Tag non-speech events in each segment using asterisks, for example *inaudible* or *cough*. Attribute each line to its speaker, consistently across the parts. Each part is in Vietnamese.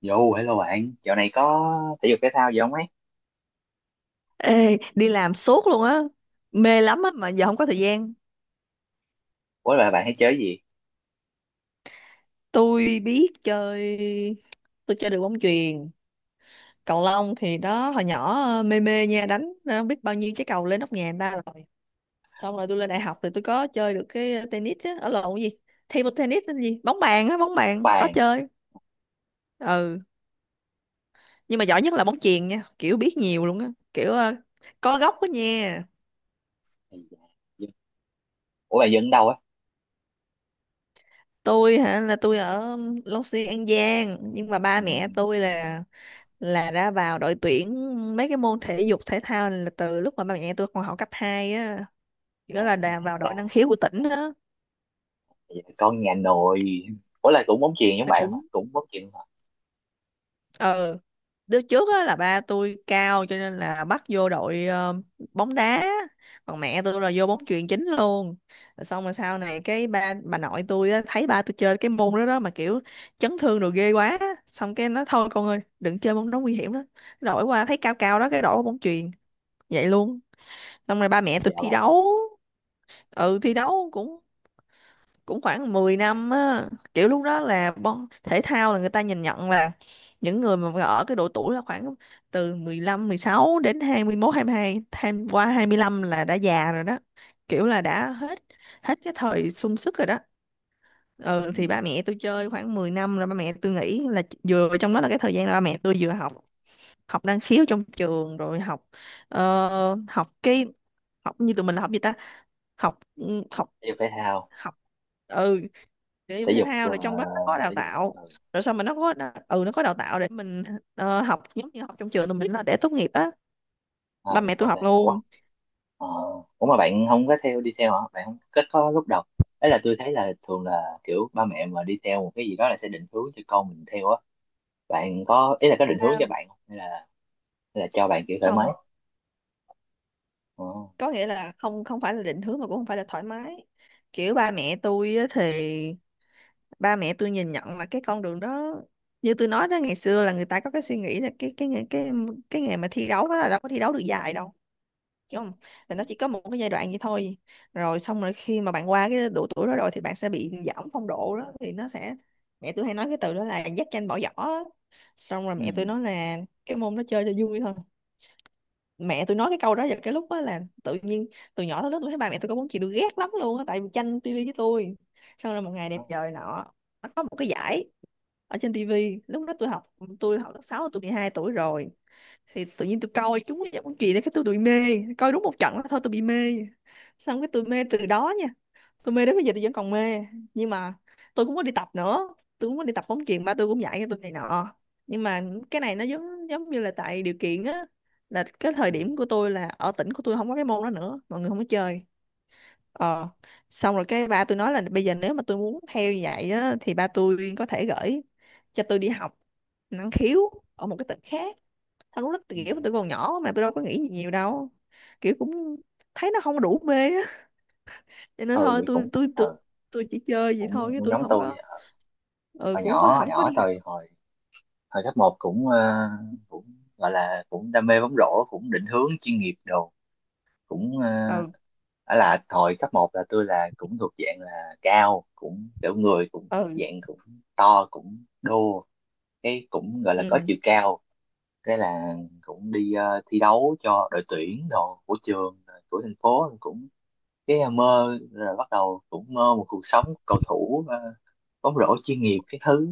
Speaker 1: Yo, hello bạn, dạo này có thể dục thể thao gì không ấy?
Speaker 2: Ê, đi làm suốt luôn á, mê lắm á mà giờ không có thời gian.
Speaker 1: Ủa là bạn hay chơi cái gì?
Speaker 2: Tôi biết chơi, tôi chơi được bóng chuyền. Cầu lông thì đó, hồi nhỏ mê mê nha, đánh biết bao nhiêu trái cầu lên nóc nhà người ta rồi. Xong rồi tôi lên đại học thì tôi có chơi được cái tennis á, ở lộn cái gì, thêm một tennis tên gì, bóng bàn á, bóng bàn có
Speaker 1: Bàn.
Speaker 2: chơi. Ừ, nhưng mà giỏi nhất là bóng chuyền nha, kiểu biết nhiều luôn á, kiểu có gốc á nha.
Speaker 1: Ây da, dân- Ủa bạn dân đâu á?
Speaker 2: Tôi hả? Là tôi ở Long Xuyên An Giang, nhưng mà ba
Speaker 1: Ừ.
Speaker 2: mẹ tôi là đã vào đội tuyển mấy cái môn thể dục thể thao là từ lúc mà ba mẹ tôi còn học cấp 2 á,
Speaker 1: À,
Speaker 2: nghĩa là đã vào đội
Speaker 1: ra,
Speaker 2: năng khiếu của tỉnh á.
Speaker 1: vậy là con nhà nội. Ủa là cũng bóng chuyền giống
Speaker 2: Thì
Speaker 1: bạn không
Speaker 2: cũng
Speaker 1: ạ? Cũng bóng chuyền không ạ?
Speaker 2: ờ đứa trước á là ba tôi cao cho nên là bắt vô đội bóng đá, còn mẹ tôi là vô bóng chuyền chính luôn. Rồi xong rồi sau này cái ba bà nội tôi á, thấy ba tôi chơi cái môn đó đó mà kiểu chấn thương rồi ghê quá, xong cái nó thôi con ơi đừng chơi môn đó nguy hiểm đó, đổi qua thấy cao cao đó cái đổi qua bóng chuyền vậy luôn. Xong rồi ba mẹ tôi
Speaker 1: Dạ
Speaker 2: thi
Speaker 1: bạn.
Speaker 2: đấu, ừ,
Speaker 1: Ừ.
Speaker 2: thi đấu cũng cũng khoảng 10 năm á, kiểu lúc đó là bon thể thao là người ta nhìn nhận là những người mà ở cái độ tuổi là khoảng từ 15 16 đến hai 21 22 tham qua 25 là đã già rồi đó, kiểu là đã hết, hết cái thời sung sức rồi đó. Ừ,
Speaker 1: Ừ.
Speaker 2: thì ba mẹ tôi chơi khoảng 10 năm rồi ba mẹ tôi nghĩ là vừa trong đó là cái thời gian là ba mẹ tôi vừa học, học năng khiếu trong trường, rồi học học cái, học như tụi mình là học gì ta, học học
Speaker 1: Thể dục thể thao,
Speaker 2: học ừ thể dục
Speaker 1: thể
Speaker 2: thể
Speaker 1: dục,
Speaker 2: thao, rồi trong đó nó có đào
Speaker 1: thể dục.
Speaker 2: tạo,
Speaker 1: Ừ.
Speaker 2: rồi sao mà nó có nó có đào tạo để mình học giống như học trong trường tụi mình là để tốt nghiệp á, ba
Speaker 1: Ờ,
Speaker 2: mẹ tôi
Speaker 1: ok.
Speaker 2: học
Speaker 1: Ủa?
Speaker 2: luôn.
Speaker 1: Ờ. Ủa mà bạn không có theo đi theo hả? Bạn không kết có lúc đầu. Đấy là tôi thấy là thường là kiểu ba mẹ mà đi theo một cái gì đó là sẽ định hướng cho con mình theo á, bạn có ý là có định hướng
Speaker 2: À,
Speaker 1: cho bạn không hay hay là cho bạn kiểu thoải mái.
Speaker 2: không,
Speaker 1: Ờ,
Speaker 2: có nghĩa là không, không phải là định hướng mà cũng không phải là thoải mái. Kiểu ba mẹ tôi á thì ba mẹ tôi nhìn nhận là cái con đường đó, như tôi nói đó, ngày xưa là người ta có cái suy nghĩ là cái nghề mà thi đấu đó là đâu có thi đấu được dài đâu, đúng không? Thì nó chỉ có một cái giai đoạn vậy thôi, rồi xong rồi khi mà bạn qua cái độ tuổi đó rồi thì bạn sẽ bị giảm phong độ đó thì nó sẽ, mẹ tôi hay nói cái từ đó là dắt tranh bỏ giỏ á. Xong rồi
Speaker 1: ừ.
Speaker 2: mẹ tôi nói là cái môn đó chơi cho vui thôi. Mẹ tôi nói cái câu đó vào cái lúc đó là tự nhiên, từ nhỏ tới lớn tôi thấy ba mẹ tôi có muốn, chị tôi ghét lắm luôn á tại vì tranh tivi với tôi. Xong rồi một ngày
Speaker 1: Ừ.
Speaker 2: đẹp trời nọ, nó có một cái giải ở trên tivi, lúc đó tôi học, tôi học lớp 6, tôi 12 tuổi rồi, thì tự nhiên tôi coi chúng cái món chuyện đấy cái tôi bị mê, coi đúng một trận đó thôi tôi bị mê, xong cái tôi mê từ đó nha, tôi mê đến bây giờ tôi vẫn còn mê. Nhưng mà tôi cũng có đi tập nữa, tôi cũng có đi tập bóng chuyền, ba tôi cũng dạy cho tôi này nọ, nhưng mà cái này nó giống giống như là tại điều kiện á, là cái thời điểm của tôi là ở tỉnh của tôi không có cái môn đó nữa, mọi người không có chơi. ờ Xong rồi cái ba tôi nói là bây giờ nếu mà tôi muốn theo như vậy á thì ba tôi có thể gửi cho tôi đi học năng khiếu ở một cái tỉnh khác. Tao lúc đó
Speaker 1: Ừ.
Speaker 2: kiểu tụi còn nhỏ mà tôi đâu có nghĩ gì nhiều đâu, kiểu cũng thấy nó không có đủ mê á, cho nên
Speaker 1: Ừ
Speaker 2: thôi
Speaker 1: vậy
Speaker 2: tôi
Speaker 1: cũng
Speaker 2: tôi
Speaker 1: ừ,
Speaker 2: tôi tôi chỉ chơi vậy thôi
Speaker 1: cũng,
Speaker 2: chứ
Speaker 1: cũng
Speaker 2: tôi
Speaker 1: giống
Speaker 2: không
Speaker 1: tôi
Speaker 2: có. Ừ,
Speaker 1: hồi
Speaker 2: cũng có
Speaker 1: nhỏ, hồi
Speaker 2: không có
Speaker 1: nhỏ
Speaker 2: đi.
Speaker 1: tôi hồi hồi cấp 1 cũng cũng gọi là cũng đam mê bóng rổ, cũng định hướng chuyên nghiệp đồ, cũng ờ.
Speaker 2: Ừ.
Speaker 1: Đó là hồi cấp một là tôi là cũng thuộc dạng là cao, cũng kiểu người cũng
Speaker 2: Ừ.
Speaker 1: dạng cũng to cũng đô, cái cũng gọi là có
Speaker 2: Ừ,
Speaker 1: chiều cao, cái là cũng đi thi đấu cho đội tuyển đồ của trường rồi của thành phố cũng, cái à, mơ rồi bắt đầu cũng mơ một cuộc sống cầu thủ à, bóng rổ chuyên nghiệp cái thứ,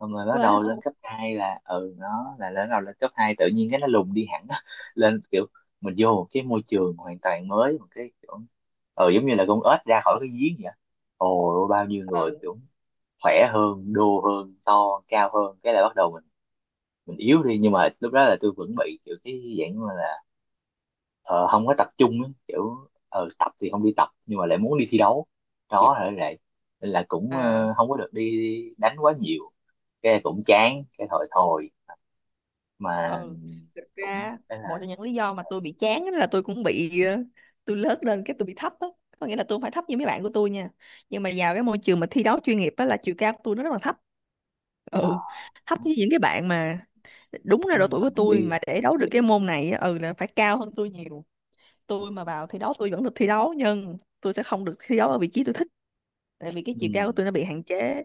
Speaker 1: xong rồi bắt
Speaker 2: quá
Speaker 1: đầu lên
Speaker 2: wow.
Speaker 1: cấp 2 là ừ nó là lên đầu lên cấp 2 tự nhiên cái nó lùng đi hẳn á. *laughs* Lên kiểu mình vô một cái môi trường hoàn toàn mới, một cái kiểu ừ giống như là con ếch ra khỏi cái giếng vậy, ồ bao nhiêu người
Speaker 2: Ừ.
Speaker 1: kiểu khỏe hơn, đô hơn, to cao hơn, cái là bắt đầu mình yếu đi, nhưng mà lúc đó là tôi vẫn bị kiểu cái dạng mà là ờ, không có tập trung á, kiểu ờ, tập thì không đi tập nhưng mà lại muốn đi thi đấu,
Speaker 2: Ừ.
Speaker 1: đó là vậy. Nên là cũng
Speaker 2: À.
Speaker 1: ờ, không có được đi đánh quá nhiều, cái cũng chán cái thôi thôi, mà
Speaker 2: Ừ. Thực
Speaker 1: cũng
Speaker 2: ra
Speaker 1: cái
Speaker 2: một
Speaker 1: là
Speaker 2: trong những lý do mà tôi bị chán á là tôi cũng bị tôi lớn lên cái tôi bị thấp á, có nghĩa là tôi không phải thấp như mấy bạn của tôi nha, nhưng mà vào cái môi trường mà thi đấu chuyên nghiệp á là chiều cao của tôi nó rất là thấp.
Speaker 1: ờ,
Speaker 2: Ừ, thấp như những cái bạn mà đúng là
Speaker 1: giống
Speaker 2: độ
Speaker 1: như
Speaker 2: tuổi
Speaker 1: là
Speaker 2: của
Speaker 1: mình
Speaker 2: tôi
Speaker 1: đi
Speaker 2: mà để đấu được cái môn này á, ừ là phải cao hơn tôi nhiều.
Speaker 1: ờ,
Speaker 2: Tôi mà vào thi đấu tôi vẫn được thi đấu, nhưng tôi sẽ không được thi đấu ở vị trí tôi thích, tại vì cái chiều cao của
Speaker 1: ừ,
Speaker 2: tôi nó bị hạn chế.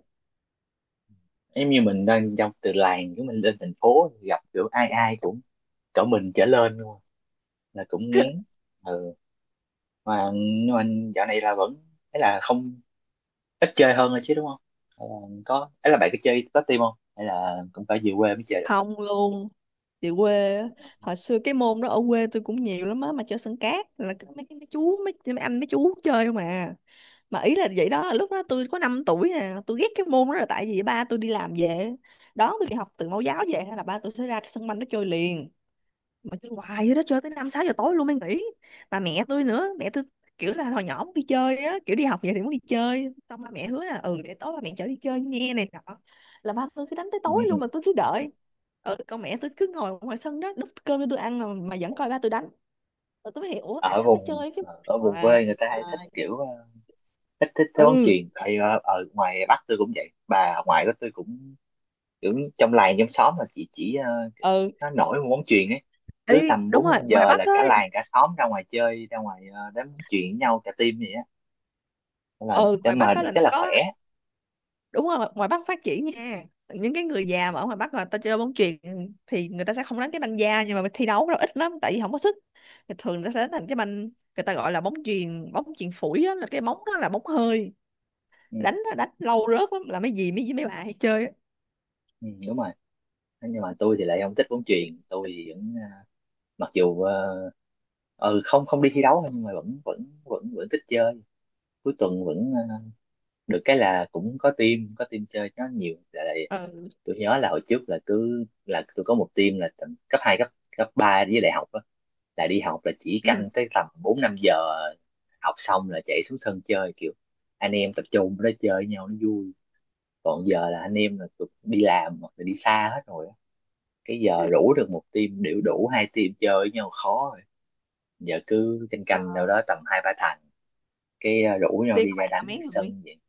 Speaker 1: giống như mình đang trong từ làng của mình lên thành phố gặp kiểu ai ai cũng cỡ mình trở lên luôn, là cũng ngán.
Speaker 2: *laughs*
Speaker 1: Ừ. Mà nhưng mà dạo này là vẫn, thế là không ít chơi hơn rồi chứ, đúng không? Hay là có ấy là bạn có chơi top team không hay là cũng phải về quê mới chơi được?
Speaker 2: Không luôn. Chị quê á, hồi xưa cái môn đó ở quê tôi cũng nhiều lắm á, mà chơi sân cát là mấy anh mấy chú chơi không à. Mà ý là vậy đó, lúc đó tôi có 5 tuổi à, tôi ghét cái môn đó là tại vì ba tôi đi làm về đón tôi đi học từ mẫu giáo về, hay là ba tôi sẽ ra cái sân banh nó chơi liền, mà chơi hoài vậy đó, chơi tới năm sáu giờ tối luôn mới nghỉ. Bà mẹ tôi nữa, mẹ tôi kiểu là hồi nhỏ muốn đi chơi á, kiểu đi học vậy thì muốn đi chơi, xong ba mẹ hứa là ừ để tối ba mẹ chở đi chơi nghe này nọ, là ba tôi cứ đánh tới tối luôn mà
Speaker 1: *laughs*
Speaker 2: tôi cứ đợi. Ừ, con mẹ tôi cứ ngồi ngoài sân đó đút cơm cho tôi ăn mà vẫn coi ba tôi đánh. Rồi tôi mới hiểu "Ủa, tại
Speaker 1: Ở
Speaker 2: sao nó
Speaker 1: vùng,
Speaker 2: chơi cái
Speaker 1: ở vùng
Speaker 2: hoài".
Speaker 1: quê người ta hay thích kiểu ờ, thích thích theo bóng
Speaker 2: Ừ.
Speaker 1: chuyền, tại ở, ở ngoài Bắc tôi cũng vậy, bà ngoại của tôi cũng kiểu trong làng trong xóm là chị chỉ ờ, kiểu
Speaker 2: Ừ,
Speaker 1: nó nổi một bóng chuyền ấy, cứ
Speaker 2: ý
Speaker 1: tầm
Speaker 2: đúng
Speaker 1: bốn
Speaker 2: rồi,
Speaker 1: năm
Speaker 2: ngoài
Speaker 1: giờ
Speaker 2: Bắc
Speaker 1: là cả
Speaker 2: ấy.
Speaker 1: làng cả xóm ra ngoài chơi, ra ngoài ờ, đánh bóng chuyền với nhau cả team vậy á. Nên là
Speaker 2: Ừ,
Speaker 1: để
Speaker 2: ngoài
Speaker 1: mà
Speaker 2: Bắc á
Speaker 1: được
Speaker 2: là
Speaker 1: cái
Speaker 2: nó
Speaker 1: là khỏe.
Speaker 2: có, đúng rồi ngoài Bắc phát triển nha. Những cái người già mà ở ngoài Bắc là ta chơi bóng chuyền thì người ta sẽ không đánh cái banh da, nhưng mà thi đấu nó ít lắm tại vì không có sức, thì thường người ta sẽ đánh thành cái banh, người ta gọi là bóng chuyền phủi á, là cái bóng đó là bóng hơi,
Speaker 1: Ừ,
Speaker 2: đánh đánh lâu rớt lắm, là mấy dì mấy mấy bà hay chơi á.
Speaker 1: ừ, đúng rồi. Nhưng mà tôi thì lại không thích bóng chuyền, tôi thì vẫn, mặc dù ờ, ừ không không đi thi đấu thôi nhưng mà vẫn vẫn vẫn vẫn thích chơi, cuối tuần vẫn ờ, được cái là cũng có team, có team chơi nó nhiều lại.
Speaker 2: Ừ.
Speaker 1: Tôi nhớ là hồi trước là cứ là tôi có một team là tầm cấp hai, cấp cấp 3 với đại học á, là đi học là chỉ canh
Speaker 2: Ừ.
Speaker 1: tới tầm bốn năm giờ học xong là chạy xuống sân chơi kiểu anh em tập trung đó chơi với nhau nó vui. Còn giờ là anh em là đi làm hoặc là đi xa hết rồi á. Cái giờ rủ được một team đều đủ hai team chơi với nhau khó, giờ cứ canh canh đâu
Speaker 2: Ờ.
Speaker 1: đó tầm hai ba thằng, cái ờ, rủ nhau
Speaker 2: Tiên
Speaker 1: đi
Speaker 2: các
Speaker 1: ra
Speaker 2: bạn là
Speaker 1: đánh
Speaker 2: mấy
Speaker 1: cái
Speaker 2: người?
Speaker 1: sân vậy.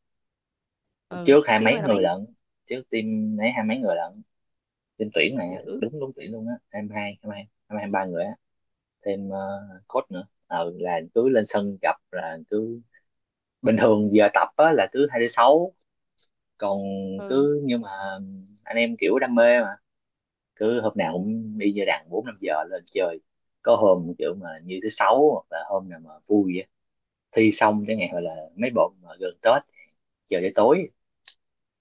Speaker 2: Ừ,
Speaker 1: Trước hai
Speaker 2: Tiên các
Speaker 1: mấy
Speaker 2: bạn là mấy
Speaker 1: người
Speaker 2: người?
Speaker 1: lận, trước team ấy hai mấy người lận, team tuyển mà,
Speaker 2: Dữ.
Speaker 1: đúng đúng tuyển luôn á, hai mươi hai hai mươi ba người á, thêm ờ, coach nữa, ờ là cứ lên sân gặp là cứ bình thường giờ tập á là cứ hai tới sáu, còn
Speaker 2: Ừ.
Speaker 1: cứ nhưng mà anh em kiểu đam mê mà cứ hôm nào cũng đi, giờ đàn bốn năm giờ lên chơi, có hôm kiểu mà như thứ sáu hoặc là hôm nào mà vui á, thi xong chẳng hạn hoặc là mấy bọn mà gần Tết giờ tới tối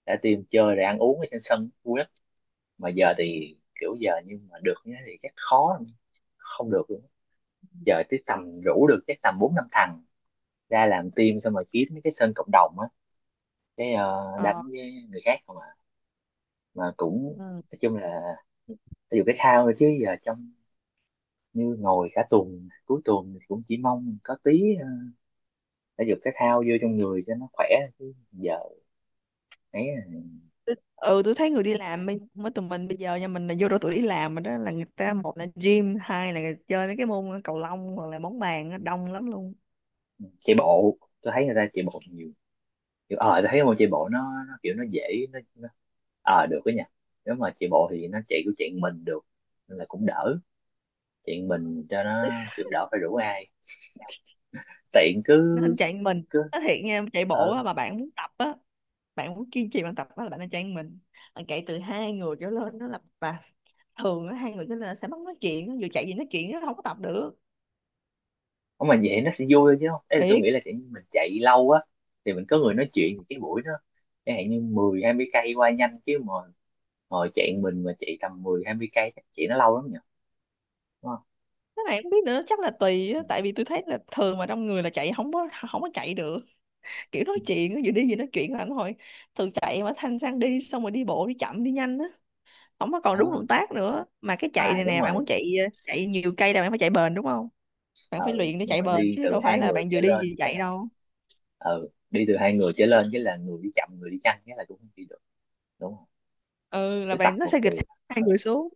Speaker 1: đã tìm chơi rồi ăn uống ở trên sân vui lắm. Mà giờ thì kiểu giờ nhưng mà được như thế thì chắc khó lắm. Không được luôn, giờ tới tầm rủ được chắc tầm bốn năm thằng ra làm team, xong rồi kiếm mấy cái sân cộng đồng á, cái ờ,
Speaker 2: Ờ.
Speaker 1: đánh với người khác không à, mà cũng,
Speaker 2: Ừ.
Speaker 1: nói chung là ví dụ cái khao thôi chứ giờ trong như ngồi cả tuần, cuối tuần thì cũng chỉ mong có tí ờ, thể dục thể thao vô trong người cho nó khỏe chứ giờ, ấy à.
Speaker 2: Ừ, tôi thấy người đi làm mới mới tụi mình bây giờ nha, mình là vô độ tuổi đi làm mà, đó là người ta một là gym, hai là chơi mấy cái môn cầu lông hoặc là bóng bàn á, đông lắm luôn.
Speaker 1: Chạy bộ, tôi thấy người ta chạy bộ nhiều, kiểu ờ tôi thấy môn chạy bộ nó kiểu nó dễ, nó ờ được đó nha, nếu mà chạy bộ thì nó chạy kiểu chạy mình được, nên là cũng đỡ, chạy mình cho nó kiểu đỡ phải rủ ai, tiện
Speaker 2: Nó
Speaker 1: cứ
Speaker 2: hình chạy mình,
Speaker 1: cứ
Speaker 2: nó thiệt nha, chạy bộ
Speaker 1: ờ.
Speaker 2: á, mà bạn muốn tập á, bạn muốn kiên trì bạn tập á là bạn nên chạy mình. Bạn chạy từ hai người trở lên nó là và, thường á hai người trở lên sẽ mất nói chuyện á, vừa chạy gì nói chuyện nó không có tập được.
Speaker 1: Không mà vậy nó sẽ vui thôi chứ không, thế là tôi
Speaker 2: Thiệt.
Speaker 1: nghĩ là kiểu như mình chạy lâu á thì mình có người nói chuyện thì cái buổi nó, chẳng hạn như mười hai mươi cây qua nhanh chứ mà ngồi chạy mình mà chạy tầm mười hai mươi cây chắc chạy nó lâu lắm nhỉ, đúng không?
Speaker 2: Cái này không biết nữa, chắc là tùy á,
Speaker 1: Ừ.
Speaker 2: tại vì tôi thấy là thường mà trong người là chạy không có chạy được, kiểu nói chuyện, vừa đi vừa nói chuyện là anh hồi, từ chạy mà thanh sang đi, xong rồi đi bộ đi chậm đi nhanh á, không có còn đúng động
Speaker 1: Đó,
Speaker 2: tác nữa. Mà cái chạy
Speaker 1: à
Speaker 2: này
Speaker 1: đúng
Speaker 2: nè, bạn muốn
Speaker 1: rồi.
Speaker 2: chạy chạy nhiều cây là bạn phải chạy bền, đúng không? Bạn phải
Speaker 1: Ừ
Speaker 2: luyện để
Speaker 1: nhưng
Speaker 2: chạy
Speaker 1: mà
Speaker 2: bền
Speaker 1: đi
Speaker 2: chứ
Speaker 1: từ
Speaker 2: đâu phải
Speaker 1: hai
Speaker 2: là
Speaker 1: người
Speaker 2: bạn vừa
Speaker 1: trở
Speaker 2: đi
Speaker 1: lên
Speaker 2: vừa
Speaker 1: thế
Speaker 2: chạy
Speaker 1: là
Speaker 2: đâu.
Speaker 1: ừ đi từ hai người trở lên chứ là người đi chậm người đi nhanh cái là cũng không đi được, đúng không?
Speaker 2: Ừ, là
Speaker 1: Cứ tập
Speaker 2: bạn nó
Speaker 1: một
Speaker 2: sẽ gịch
Speaker 1: người
Speaker 2: hai
Speaker 1: ờ,
Speaker 2: người xuống.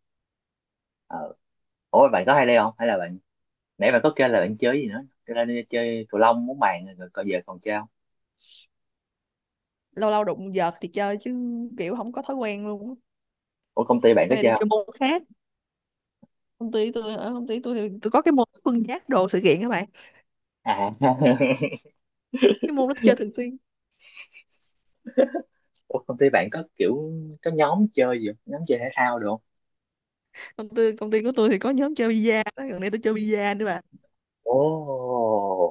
Speaker 1: ờ. Ủa bạn có hay đây không hay là bạn, nãy bạn có kêu là bạn chơi gì nữa cho nên chơi cầu lông bóng bàn rồi, còn giờ còn chơi không?
Speaker 2: Lâu lâu đụng vợt thì chơi chứ, kiểu không có thói quen luôn á.
Speaker 1: Ủa công ty bạn có
Speaker 2: Cái này tôi
Speaker 1: chơi không?
Speaker 2: chơi môn khác, công ty tôi, ở công ty tôi thì tôi có cái môn phân giác đồ sự kiện các bạn,
Speaker 1: À *laughs*
Speaker 2: cái môn đó tôi chơi thường xuyên.
Speaker 1: ủa công ty bạn có kiểu có nhóm chơi gì không, nhóm chơi thể thao được không?
Speaker 2: Công ty của tôi thì có nhóm chơi bida đó, gần đây tôi chơi bida nữa bạn.
Speaker 1: Ồ,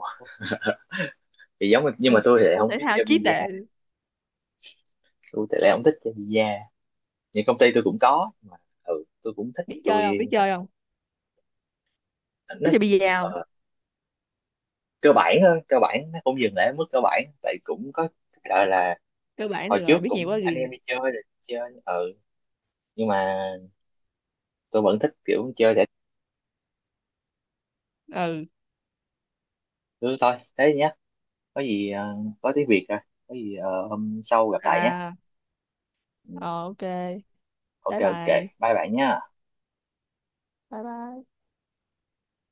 Speaker 1: thì giống, nhưng
Speaker 2: Ừ.
Speaker 1: mà tôi thì lại
Speaker 2: Môn
Speaker 1: không
Speaker 2: thể
Speaker 1: biết
Speaker 2: thao
Speaker 1: chơi
Speaker 2: chí
Speaker 1: bida,
Speaker 2: tệ.
Speaker 1: tôi thì lại không thích chơi bida, nhưng công ty tôi cũng có mà. Ừ, tôi cũng thích,
Speaker 2: biết chơi không biết
Speaker 1: tôi,
Speaker 2: chơi không
Speaker 1: nó
Speaker 2: Biết chơi bi-a không?
Speaker 1: ờ, cơ bản thôi, cơ bản nó cũng dừng lại ở mức cơ bản tại cũng có, gọi là
Speaker 2: Cơ bản
Speaker 1: hồi
Speaker 2: được
Speaker 1: trước
Speaker 2: rồi, biết nhiều
Speaker 1: cũng
Speaker 2: quá
Speaker 1: anh em
Speaker 2: gì.
Speaker 1: đi chơi rồi chơi, ừ nhưng mà tôi vẫn thích kiểu chơi giải.
Speaker 2: Ừ.
Speaker 1: Ừ, thôi thế nhé, có gì ờ, có tiếng Việt rồi, có gì ờ, hôm sau gặp lại nhé.
Speaker 2: À.
Speaker 1: Ừ.
Speaker 2: Ờ, ok.
Speaker 1: Ok
Speaker 2: Bye
Speaker 1: ok,
Speaker 2: bye.
Speaker 1: bye bạn nhé.
Speaker 2: Bye bye.